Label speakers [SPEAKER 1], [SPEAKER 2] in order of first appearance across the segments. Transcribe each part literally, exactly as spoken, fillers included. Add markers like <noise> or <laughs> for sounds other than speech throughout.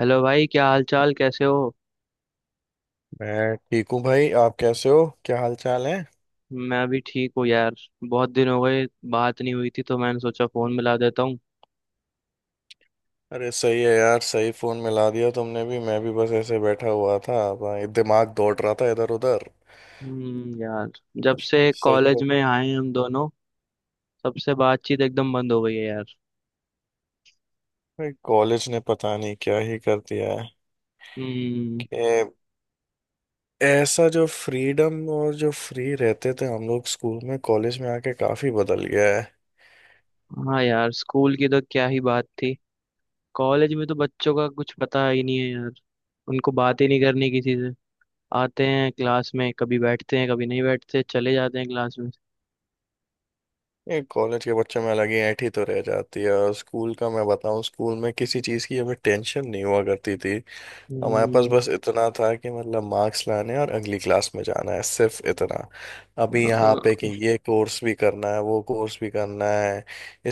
[SPEAKER 1] Hello भाई, क्या हाल चाल, कैसे हो।
[SPEAKER 2] मैं ठीक हूँ भाई। आप कैसे हो? क्या हाल चाल है?
[SPEAKER 1] मैं भी ठीक हूँ यार। बहुत दिन हो गए, बात नहीं हुई थी, तो मैंने सोचा फोन मिला देता हूँ।
[SPEAKER 2] अरे सही है यार। सही फोन मिला दिया तुमने भी। मैं भी बस ऐसे बैठा हुआ था भाई, दिमाग दौड़ रहा था इधर उधर।
[SPEAKER 1] हम्म यार। जब से
[SPEAKER 2] सही
[SPEAKER 1] कॉलेज
[SPEAKER 2] है।
[SPEAKER 1] में आए हैं हम दोनों, तब से बातचीत एकदम बंद हो गई है यार।
[SPEAKER 2] भाई कॉलेज ने पता नहीं क्या ही कर दिया है
[SPEAKER 1] हम्म।
[SPEAKER 2] कि ऐसा जो फ्रीडम और जो फ्री रहते थे हम लोग स्कूल में, कॉलेज में आके काफी बदल गया है।
[SPEAKER 1] हाँ यार, स्कूल की तो क्या ही बात थी। कॉलेज में तो बच्चों का कुछ पता ही नहीं है यार। उनको बात ही नहीं करनी किसी से। आते हैं क्लास में, कभी बैठते हैं कभी नहीं बैठते, चले जाते हैं क्लास में।
[SPEAKER 2] ये कॉलेज के बच्चों में अलग ही ऐंठ ही तो रह जाती है। और स्कूल का मैं बताऊं, स्कूल में किसी चीज़ की हमें टेंशन नहीं हुआ करती थी। हमारे पास
[SPEAKER 1] हम्म।
[SPEAKER 2] बस इतना था कि मतलब मार्क्स लाने और अगली क्लास में जाना है, सिर्फ इतना। अभी
[SPEAKER 1] अ-
[SPEAKER 2] यहाँ पे कि
[SPEAKER 1] अ-
[SPEAKER 2] ये कोर्स भी करना है, वो कोर्स भी करना है।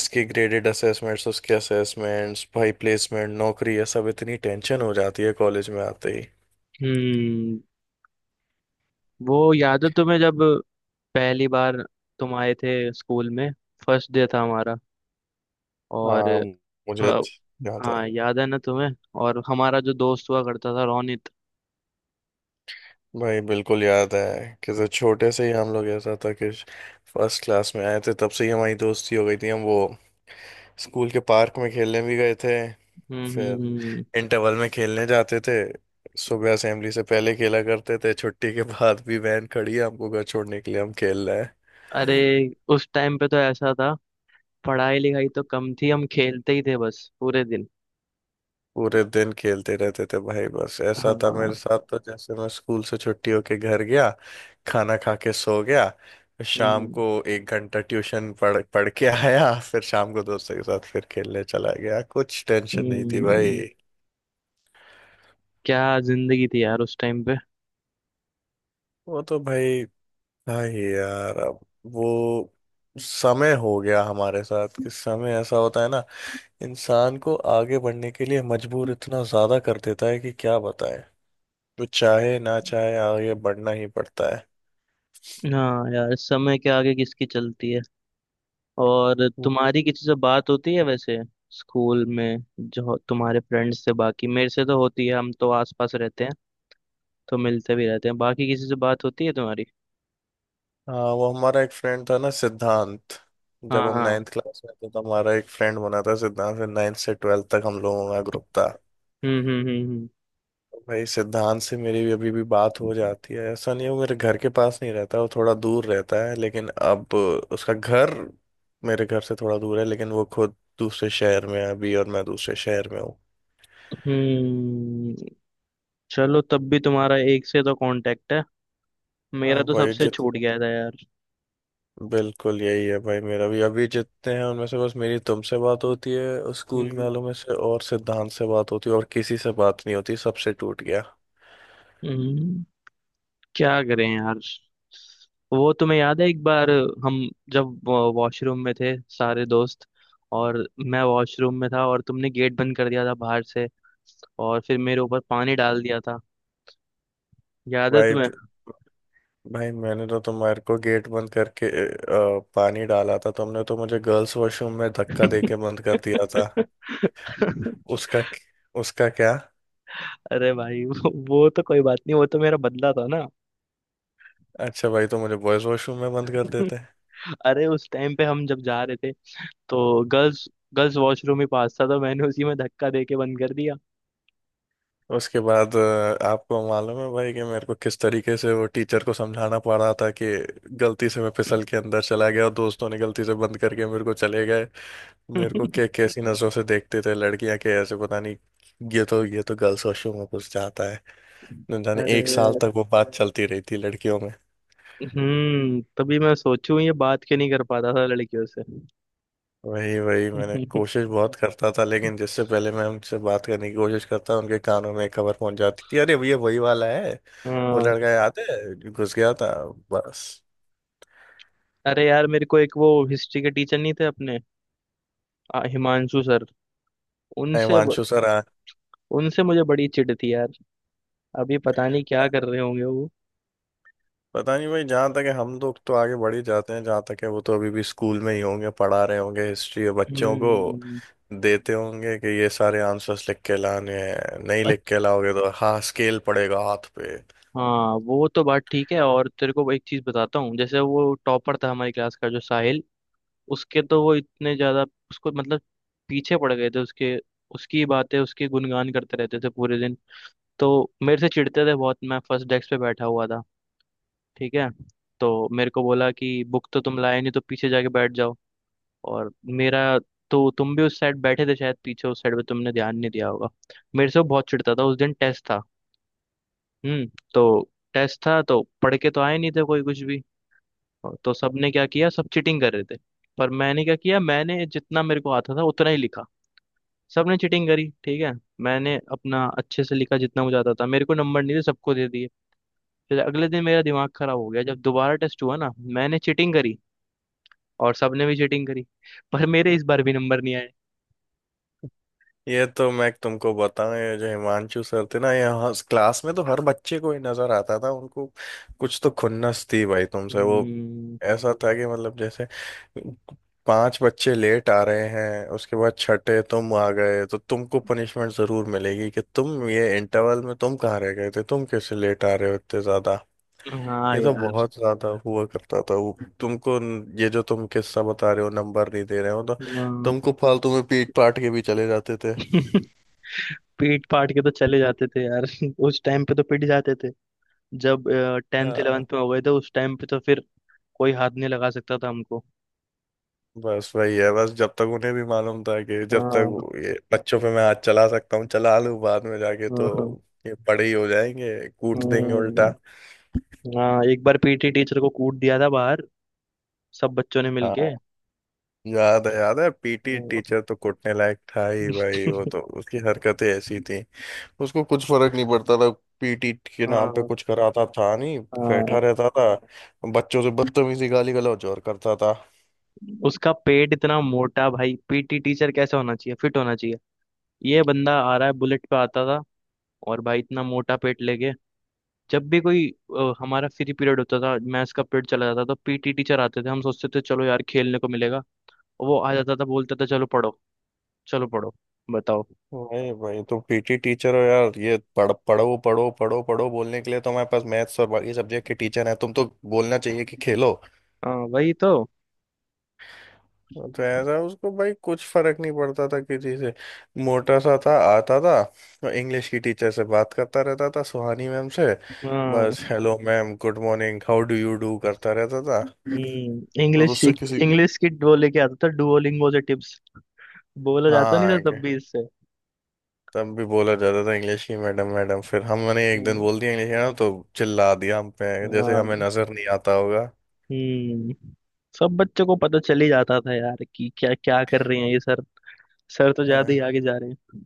[SPEAKER 2] इसके ग्रेडेड असेसमेंट्स, उसके असेसमेंट्स, भाई प्लेसमेंट, नौकरी, ये सब इतनी टेंशन हो जाती है कॉलेज में आते ही।
[SPEAKER 1] हम्म। वो याद है तुम्हें जब पहली बार तुम आए थे स्कूल में, फर्स्ट डे था हमारा, और
[SPEAKER 2] हाँ। मुझे
[SPEAKER 1] हाँ।
[SPEAKER 2] अच्छ- याद है।
[SPEAKER 1] हाँ, याद है ना तुम्हें, और हमारा जो दोस्त हुआ करता था रोनित।
[SPEAKER 2] भाई बिल्कुल याद है कि जब छोटे से ही हम लोग, ऐसा था कि फर्स्ट क्लास में आए थे तब से ही हमारी दोस्ती हो गई थी। हम वो स्कूल के पार्क में खेलने भी गए थे।
[SPEAKER 1] हम्म हम्म
[SPEAKER 2] फिर
[SPEAKER 1] हम्म।
[SPEAKER 2] इंटरवल में खेलने जाते थे, सुबह असेंबली से पहले खेला करते थे, छुट्टी के बाद भी वैन खड़ी है हमको घर छोड़ने के लिए, हम खेल रहे हैं।
[SPEAKER 1] अरे, उस टाइम पे तो ऐसा था, पढ़ाई लिखाई तो कम थी, हम खेलते ही थे बस पूरे दिन।
[SPEAKER 2] पूरे दिन खेलते रहते थे भाई। बस ऐसा था मेरे
[SPEAKER 1] हाँ।
[SPEAKER 2] साथ तो, जैसे मैं स्कूल से छुट्टी होके घर गया, खाना खा के सो गया, फिर शाम
[SPEAKER 1] हम्म।
[SPEAKER 2] को एक घंटा ट्यूशन पढ़ पढ़ के आया, फिर शाम को दोस्तों के साथ फिर खेलने चला गया, कुछ टेंशन नहीं थी
[SPEAKER 1] हम्म।
[SPEAKER 2] भाई।
[SPEAKER 1] क्या जिंदगी थी यार उस टाइम पे।
[SPEAKER 2] वो तो भाई। हाँ यार, अब वो समय हो गया हमारे साथ कि समय ऐसा होता है ना, इंसान को आगे बढ़ने के लिए मजबूर इतना ज्यादा कर देता है कि क्या बताएं। वो चाहे ना चाहे आगे बढ़ना ही पड़ता है।
[SPEAKER 1] हाँ यार, समय के आगे किसकी चलती है। और
[SPEAKER 2] वो-
[SPEAKER 1] तुम्हारी किसी से बात होती है वैसे, स्कूल में जो तुम्हारे फ्रेंड्स से। बाकी मेरे से तो होती है, हम तो आसपास रहते हैं, तो मिलते भी रहते हैं, बाकी किसी से बात होती है तुम्हारी।
[SPEAKER 2] हाँ, वो हमारा एक फ्रेंड था ना, सिद्धांत।
[SPEAKER 1] हाँ
[SPEAKER 2] जब हम
[SPEAKER 1] हाँ।
[SPEAKER 2] नाइन्थ क्लास में थे तो हमारा एक फ्रेंड बना था, सिद्धांत। फिर नाइन्थ से ट्वेल्थ तक हम लोगों का ग्रुप था।
[SPEAKER 1] हम्म हम्म हम्म।
[SPEAKER 2] भाई सिद्धांत से मेरी भी अभी भी बात हो
[SPEAKER 1] हम्म।
[SPEAKER 2] जाती है। ऐसा नहीं है, वो मेरे घर के पास नहीं रहता, वो थोड़ा दूर रहता है। लेकिन अब उसका घर मेरे घर से थोड़ा दूर है, लेकिन वो खुद दूसरे शहर में है अभी और मैं दूसरे शहर में हूँ।
[SPEAKER 1] हम्म, चलो तब भी तुम्हारा एक से तो कांटेक्ट है।
[SPEAKER 2] हाँ
[SPEAKER 1] मेरा तो
[SPEAKER 2] भाई।
[SPEAKER 1] सबसे
[SPEAKER 2] जित
[SPEAKER 1] छूट गया था यार।
[SPEAKER 2] बिल्कुल यही है भाई। मेरा भी अभी जितने हैं उनमें से बस मेरी तुमसे बात होती है स्कूल
[SPEAKER 1] हम्म।
[SPEAKER 2] वालों में से, और सिद्धांत से बात होती है, और किसी से बात नहीं होती। सबसे टूट गया।
[SPEAKER 1] हम्म। क्या करें यार। वो तुम्हें याद है एक बार हम जब वॉशरूम में थे सारे दोस्त, और मैं वॉशरूम में था और तुमने गेट बंद कर दिया था बाहर से, और फिर मेरे ऊपर पानी डाल दिया था। याद है
[SPEAKER 2] भाई
[SPEAKER 1] तुम्हें।
[SPEAKER 2] भाई मैंने तो तुम्हारे को गेट बंद करके अ, पानी डाला था। तुमने तो मुझे गर्ल्स वॉशरूम में धक्का दे के बंद कर दिया था।
[SPEAKER 1] <laughs>
[SPEAKER 2] उसका उसका क्या?
[SPEAKER 1] अरे भाई, वो वो तो कोई बात नहीं, वो तो मेरा बदला था ना।
[SPEAKER 2] अच्छा भाई, तो मुझे बॉयज वॉशरूम में बंद कर
[SPEAKER 1] <laughs>
[SPEAKER 2] देते।
[SPEAKER 1] अरे, उस टाइम पे हम जब जा रहे थे तो गर्ल्स गर्ल्स वॉशरूम ही पास था, तो मैंने उसी में धक्का दे के बंद कर दिया।
[SPEAKER 2] उसके बाद अ, आपको मालूम है भाई कि मेरे को किस तरीके से वो टीचर को समझाना पड़ रहा था कि गलती से मैं फिसल के अंदर चला गया और दोस्तों ने गलती से बंद करके मेरे को चले गए। मेरे को के
[SPEAKER 1] <laughs>
[SPEAKER 2] कैसी नजरों से देखते थे लड़कियां, के ऐसे पता नहीं। ये तो ये तो गर्ल्स वॉशरूम में घुस जाता है। न जाने एक साल
[SPEAKER 1] अरे।
[SPEAKER 2] तक वो बात चलती रही थी लड़कियों में।
[SPEAKER 1] हम्म, तभी मैं सोचूं ये बात क्यों नहीं कर पाता था लड़कियों से।
[SPEAKER 2] वही वही मैंने
[SPEAKER 1] <laughs>
[SPEAKER 2] कोशिश बहुत करता था, लेकिन जिससे पहले मैं उनसे बात करने की कोशिश करता उनके कानों में खबर पहुंच जाती थी, अरे भैया वही वाला है। वो
[SPEAKER 1] हाँ।
[SPEAKER 2] लड़का याद है जो घुस गया था, बस।
[SPEAKER 1] अरे यार, मेरे को एक, वो हिस्ट्री के टीचर नहीं थे अपने, आ, हिमांशु सर, उनसे ब-
[SPEAKER 2] हिमांशु सर आ
[SPEAKER 1] उनसे मुझे बड़ी चिढ़ थी यार। अभी पता नहीं क्या कर रहे होंगे वो।
[SPEAKER 2] पता नहीं भाई, जहाँ तक है हम लोग तो आगे बढ़ ही जाते हैं, जहाँ तक है वो तो अभी भी स्कूल में ही होंगे पढ़ा रहे होंगे हिस्ट्री बच्चों को।
[SPEAKER 1] हम्म।
[SPEAKER 2] देते होंगे कि ये सारे आंसर्स लिख के लाने हैं, नहीं लिख के
[SPEAKER 1] अच्छ-
[SPEAKER 2] लाओगे तो हाँ, स्केल पड़ेगा हाथ पे।
[SPEAKER 1] हाँ वो तो बात ठीक है, और तेरे को एक चीज बताता हूँ। जैसे वो टॉपर था हमारी क्लास का, जो साहिल, उसके तो वो इतने ज्यादा, उसको मतलब पीछे पड़ गए थे उसके। उसकी बातें, उसके गुणगान करते रहते थे पूरे दिन। तो मेरे से चिढ़ते थे बहुत। मैं फर्स्ट डेस्क पे बैठा हुआ था, ठीक है, तो मेरे को बोला कि बुक तो तुम लाए नहीं, तो पीछे जाके बैठ जाओ। और मेरा, तो तुम भी उस साइड बैठे थे शायद पीछे, उस साइड पे तुमने ध्यान नहीं दिया होगा। मेरे से वो बहुत चिढ़ता था। उस दिन टेस्ट था। हम्म। तो टेस्ट था तो पढ़ के तो आए नहीं थे कोई कुछ भी, और तो सबने क्या किया, सब चीटिंग कर रहे थे। पर मैंने क्या किया, मैंने जितना मेरे को आता था उतना ही लिखा। सबने चीटिंग करी, ठीक है, मैंने अपना अच्छे से लिखा जितना मुझे आता था, मेरे को नंबर नहीं थे, सबको दे दिए। फिर अगले दिन मेरा दिमाग खराब हो गया, जब दोबारा टेस्ट हुआ ना, मैंने चीटिंग करी, और सबने भी चीटिंग करी, पर मेरे इस बार भी नंबर नहीं आए।
[SPEAKER 2] ये तो मैं तुमको बताऊं, ये जो हिमांशु सर थे ना, यहाँ क्लास में तो हर बच्चे को ही नजर आता था। उनको कुछ तो खुन्नस थी भाई तुमसे वो।
[SPEAKER 1] हम्म,
[SPEAKER 2] ऐसा था कि मतलब जैसे पांच बच्चे लेट आ रहे हैं, उसके बाद छठे तुम आ गए तो तुमको पनिशमेंट जरूर मिलेगी कि तुम ये इंटरवल में तुम कहाँ रह गए थे, तुम कैसे लेट आ रहे हो इतने ज्यादा।
[SPEAKER 1] हाँ
[SPEAKER 2] ये तो
[SPEAKER 1] यार।
[SPEAKER 2] बहुत ज्यादा हुआ करता था। वो तुमको न- ये जो तुम किस्सा बता रहे हो नंबर नहीं दे रहे हो तो
[SPEAKER 1] हाँ।
[SPEAKER 2] तुमको फालतू में पीट पाट के भी चले जाते थे।
[SPEAKER 1] <laughs> पीट पाट के तो चले जाते थे यार। <laughs> उस टाइम पे तो पिट जाते थे, जब टेंथ
[SPEAKER 2] हाँ,
[SPEAKER 1] इलेवेंथ में हो गए थे उस टाइम पे तो फिर कोई हाथ नहीं लगा सकता था हमको।
[SPEAKER 2] बस वही है। बस जब तक उन्हें भी मालूम था कि जब
[SPEAKER 1] हाँ
[SPEAKER 2] तक ये बच्चों पे मैं हाथ चला सकता हूँ चला लूँ, बाद में जाके
[SPEAKER 1] हाँ।
[SPEAKER 2] तो
[SPEAKER 1] हाँ।
[SPEAKER 2] ये बड़े ही हो जाएंगे, कूट देंगे उल्टा।
[SPEAKER 1] हम्म, हाँ, एक बार पीटी टीचर को कूट दिया था बाहर, सब बच्चों ने मिलके।
[SPEAKER 2] हाँ। याद है, याद है, पीटी
[SPEAKER 1] हाँ।
[SPEAKER 2] टीचर तो कूटने लायक था ही भाई, वो
[SPEAKER 1] <laughs>
[SPEAKER 2] तो उसकी हरकतें ऐसी थी। उसको कुछ फर्क नहीं पड़ता था। पीटी के नाम पे
[SPEAKER 1] हाँ
[SPEAKER 2] कुछ कराता था नहीं,
[SPEAKER 1] हाँ।
[SPEAKER 2] बैठा रहता था, बच्चों से बदतमीजी गाली गलौज और करता था।
[SPEAKER 1] उसका पेट इतना मोटा, भाई पीटी टीचर कैसा होना चाहिए, फिट होना चाहिए। ये बंदा आ रहा है बुलेट पे आता था, और भाई इतना मोटा पेट लेके। जब भी कोई, अ, हमारा फ्री पीरियड होता था, मैथ्स का पीरियड चला जाता था, तो पीटी टीचर आते थे, हम सोचते थे चलो यार खेलने को मिलेगा, और वो आ जाता था, बोलता था चलो पढ़ो, चलो पढ़ो, बताओ।
[SPEAKER 2] नहीं भाई, तुम पीटी टीचर हो यार, ये पढ़ पढ़ो पढ़ो पढ़ो पढ़ो बोलने के लिए तो हमारे पास मैथ्स और बाकी सब्जेक्ट के टीचर हैं। तुम तो बोलना चाहिए कि खेलो।
[SPEAKER 1] हाँ वही तो।
[SPEAKER 2] तो ऐसा उसको भाई कुछ फर्क नहीं पड़ता था किसी से। मोटा सा था, आता था और इंग्लिश की टीचर से बात करता रहता था, सुहानी मैम से।
[SPEAKER 1] हाँ,
[SPEAKER 2] बस hello ma'am, good morning, how do you do करता रहता था।
[SPEAKER 1] हम्म,
[SPEAKER 2] और
[SPEAKER 1] इंग्लिश
[SPEAKER 2] उससे
[SPEAKER 1] सीख,
[SPEAKER 2] किसी।
[SPEAKER 1] इंग्लिश की वो लेके आता था डुओलिंगो से टिप्स, बोला जाता नहीं था
[SPEAKER 2] हाँ।
[SPEAKER 1] तब भी इससे।
[SPEAKER 2] तब भी बोला जाता था इंग्लिश की मैडम मैडम, फिर हमने एक दिन
[SPEAKER 1] हम्म,
[SPEAKER 2] बोल दिया इंग्लिश मैडम तो चिल्ला दिया हम पे, जैसे हमें
[SPEAKER 1] हाँ।
[SPEAKER 2] नजर नहीं आता होगा।
[SPEAKER 1] हम्म। सब बच्चों को पता चल ही जाता था यार, कि क्या क्या कर रहे हैं ये सर, सर तो ज्यादा
[SPEAKER 2] हाँ,
[SPEAKER 1] ही आगे जा रहे हैं।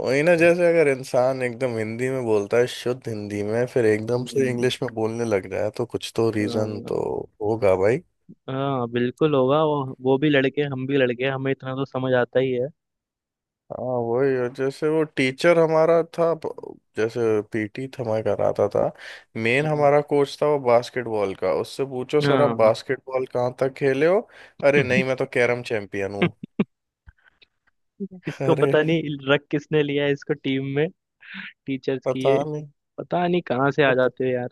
[SPEAKER 2] वही ना, जैसे अगर इंसान एकदम हिंदी में बोलता है शुद्ध हिंदी में, फिर एकदम से
[SPEAKER 1] हम्म।
[SPEAKER 2] इंग्लिश में बोलने लग जाए तो कुछ तो रीजन
[SPEAKER 1] हाँ।
[SPEAKER 2] तो होगा भाई।
[SPEAKER 1] हाँ, बिल्कुल होगा। वो वो भी लड़के, हम भी लड़के, हमें इतना तो समझ आता ही है।
[SPEAKER 2] हाँ वही। और जैसे वो टीचर हमारा था ब- जैसे, पीटी हमारा कराता था, मेन
[SPEAKER 1] हम्म,
[SPEAKER 2] हमारा कोच था वो बास्केटबॉल का, उससे पूछो सर आप
[SPEAKER 1] हाँ।
[SPEAKER 2] बास्केटबॉल कहाँ तक खेले हो? अरे नहीं, मैं तो
[SPEAKER 1] <laughs>
[SPEAKER 2] कैरम चैंपियन हूँ। <laughs>
[SPEAKER 1] इसको
[SPEAKER 2] अरे
[SPEAKER 1] पता नहीं, रख किसने लिया है इसको टीम में, टीचर्स की
[SPEAKER 2] पता
[SPEAKER 1] ये,
[SPEAKER 2] नहीं,
[SPEAKER 1] पता नहीं कहाँ से आ
[SPEAKER 2] कुछ
[SPEAKER 1] जाते हो यार।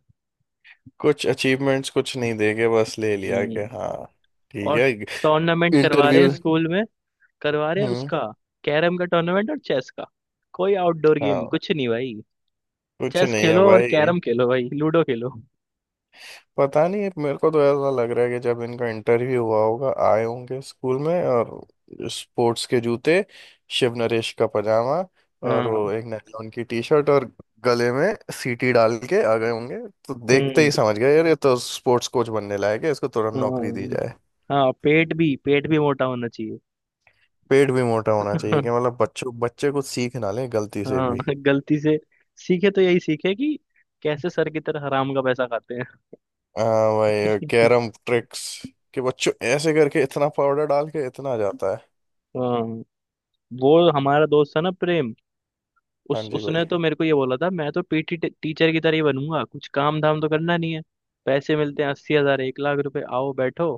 [SPEAKER 2] कुछ अचीवमेंट्स कुछ नहीं देखे बस ले लिया कि
[SPEAKER 1] हम्म।
[SPEAKER 2] हाँ, ठीक
[SPEAKER 1] और
[SPEAKER 2] है।
[SPEAKER 1] टूर्नामेंट करवा रहे हैं
[SPEAKER 2] इंटरव्यू अच्छा।
[SPEAKER 1] स्कूल में, करवा रहे हैं
[SPEAKER 2] हम्म।
[SPEAKER 1] उसका, कैरम का टूर्नामेंट और चेस का, कोई आउटडोर गेम
[SPEAKER 2] हाँ।
[SPEAKER 1] कुछ नहीं भाई।
[SPEAKER 2] कुछ
[SPEAKER 1] चेस
[SPEAKER 2] नहीं है
[SPEAKER 1] खेलो और
[SPEAKER 2] भाई।
[SPEAKER 1] कैरम खेलो भाई, लूडो खेलो।
[SPEAKER 2] पता नहीं, मेरे को तो ऐसा लग रहा है कि जब इनका इंटरव्यू हुआ होगा, आए होंगे स्कूल में और स्पोर्ट्स के जूते, शिव नरेश का पजामा, और
[SPEAKER 1] हाँ।
[SPEAKER 2] वो एक नायलॉन की टी शर्ट, और गले में सीटी डाल के आ गए होंगे, तो देखते ही
[SPEAKER 1] हम्म।
[SPEAKER 2] समझ गए यार ये तो स्पोर्ट्स कोच बनने लायक है, इसको तुरंत नौकरी दी
[SPEAKER 1] हाँ।
[SPEAKER 2] जाए।
[SPEAKER 1] हाँ पेट भी पेट भी मोटा होना चाहिए।
[SPEAKER 2] पेट भी मोटा होना चाहिए, कि मतलब
[SPEAKER 1] <laughs>
[SPEAKER 2] बच्चों बच्चे कुछ सीख ना ले गलती से
[SPEAKER 1] हाँ,
[SPEAKER 2] भी।
[SPEAKER 1] गलती से सीखे तो यही सीखे, कि कैसे सर की तरह हराम का पैसा खाते हैं।
[SPEAKER 2] हाँ भाई, कैरम ट्रिक्स, कि बच्चों ऐसे करके इतना पाउडर डाल के इतना जाता है।
[SPEAKER 1] <laughs> हाँ। वो हमारा दोस्त था ना प्रेम,
[SPEAKER 2] हाँ
[SPEAKER 1] उस
[SPEAKER 2] जी भाई।
[SPEAKER 1] उसने तो मेरे को ये बोला था, मैं तो पीटी टीचर की तरह ही बनूंगा, कुछ काम धाम तो करना नहीं है, पैसे मिलते हैं अस्सी हजार एक लाख रुपए, आओ बैठो,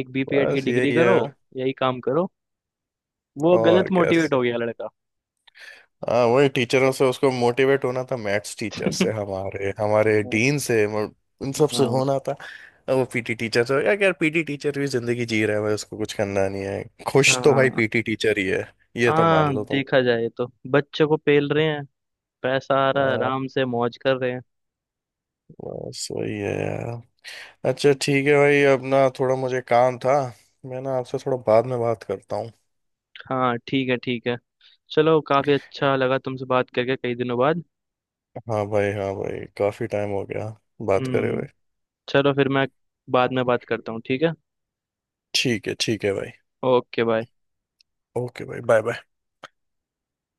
[SPEAKER 1] एक बी पी एड की
[SPEAKER 2] बस
[SPEAKER 1] डिग्री
[SPEAKER 2] यही है।
[SPEAKER 1] करो, यही काम करो, वो
[SPEAKER 2] और
[SPEAKER 1] गलत मोटिवेट
[SPEAKER 2] कैसे।
[SPEAKER 1] हो गया लड़का।
[SPEAKER 2] हाँ वही, टीचरों से उसको मोटिवेट होना था, मैथ्स टीचर से, हमारे हमारे
[SPEAKER 1] हाँ
[SPEAKER 2] डीन से, मतलब इन सब से
[SPEAKER 1] हाँ।
[SPEAKER 2] होना था। अब वो पीटी टीचर से। यार यार पीटी टीचर भी जिंदगी जी रहा है भाई, उसको कुछ करना नहीं है, खुश तो भाई
[SPEAKER 1] हाँ।
[SPEAKER 2] पीटी टीचर ही है, ये तो मान
[SPEAKER 1] हाँ
[SPEAKER 2] लो तुम।
[SPEAKER 1] देखा जाए तो बच्चे को पेल रहे हैं, पैसा आ रहा है,
[SPEAKER 2] हाँ,
[SPEAKER 1] आराम से मौज कर रहे हैं।
[SPEAKER 2] बस वही है यार। अच्छा ठीक है भाई, अब ना थोड़ा मुझे काम था, मैं ना आपसे थोड़ा बाद में बात करता हूँ।
[SPEAKER 1] हाँ ठीक है, ठीक है, चलो काफी अच्छा लगा तुमसे बात करके कई दिनों बाद।
[SPEAKER 2] हाँ भाई, हाँ भाई, काफ़ी टाइम हो गया बात करे
[SPEAKER 1] हम्म,
[SPEAKER 2] हुए।
[SPEAKER 1] चलो, फिर मैं बाद में बात करता हूँ, ठीक है,
[SPEAKER 2] ठीक है, ठीक है भाई।
[SPEAKER 1] Okay bye.
[SPEAKER 2] ओके भाई। Bye bye.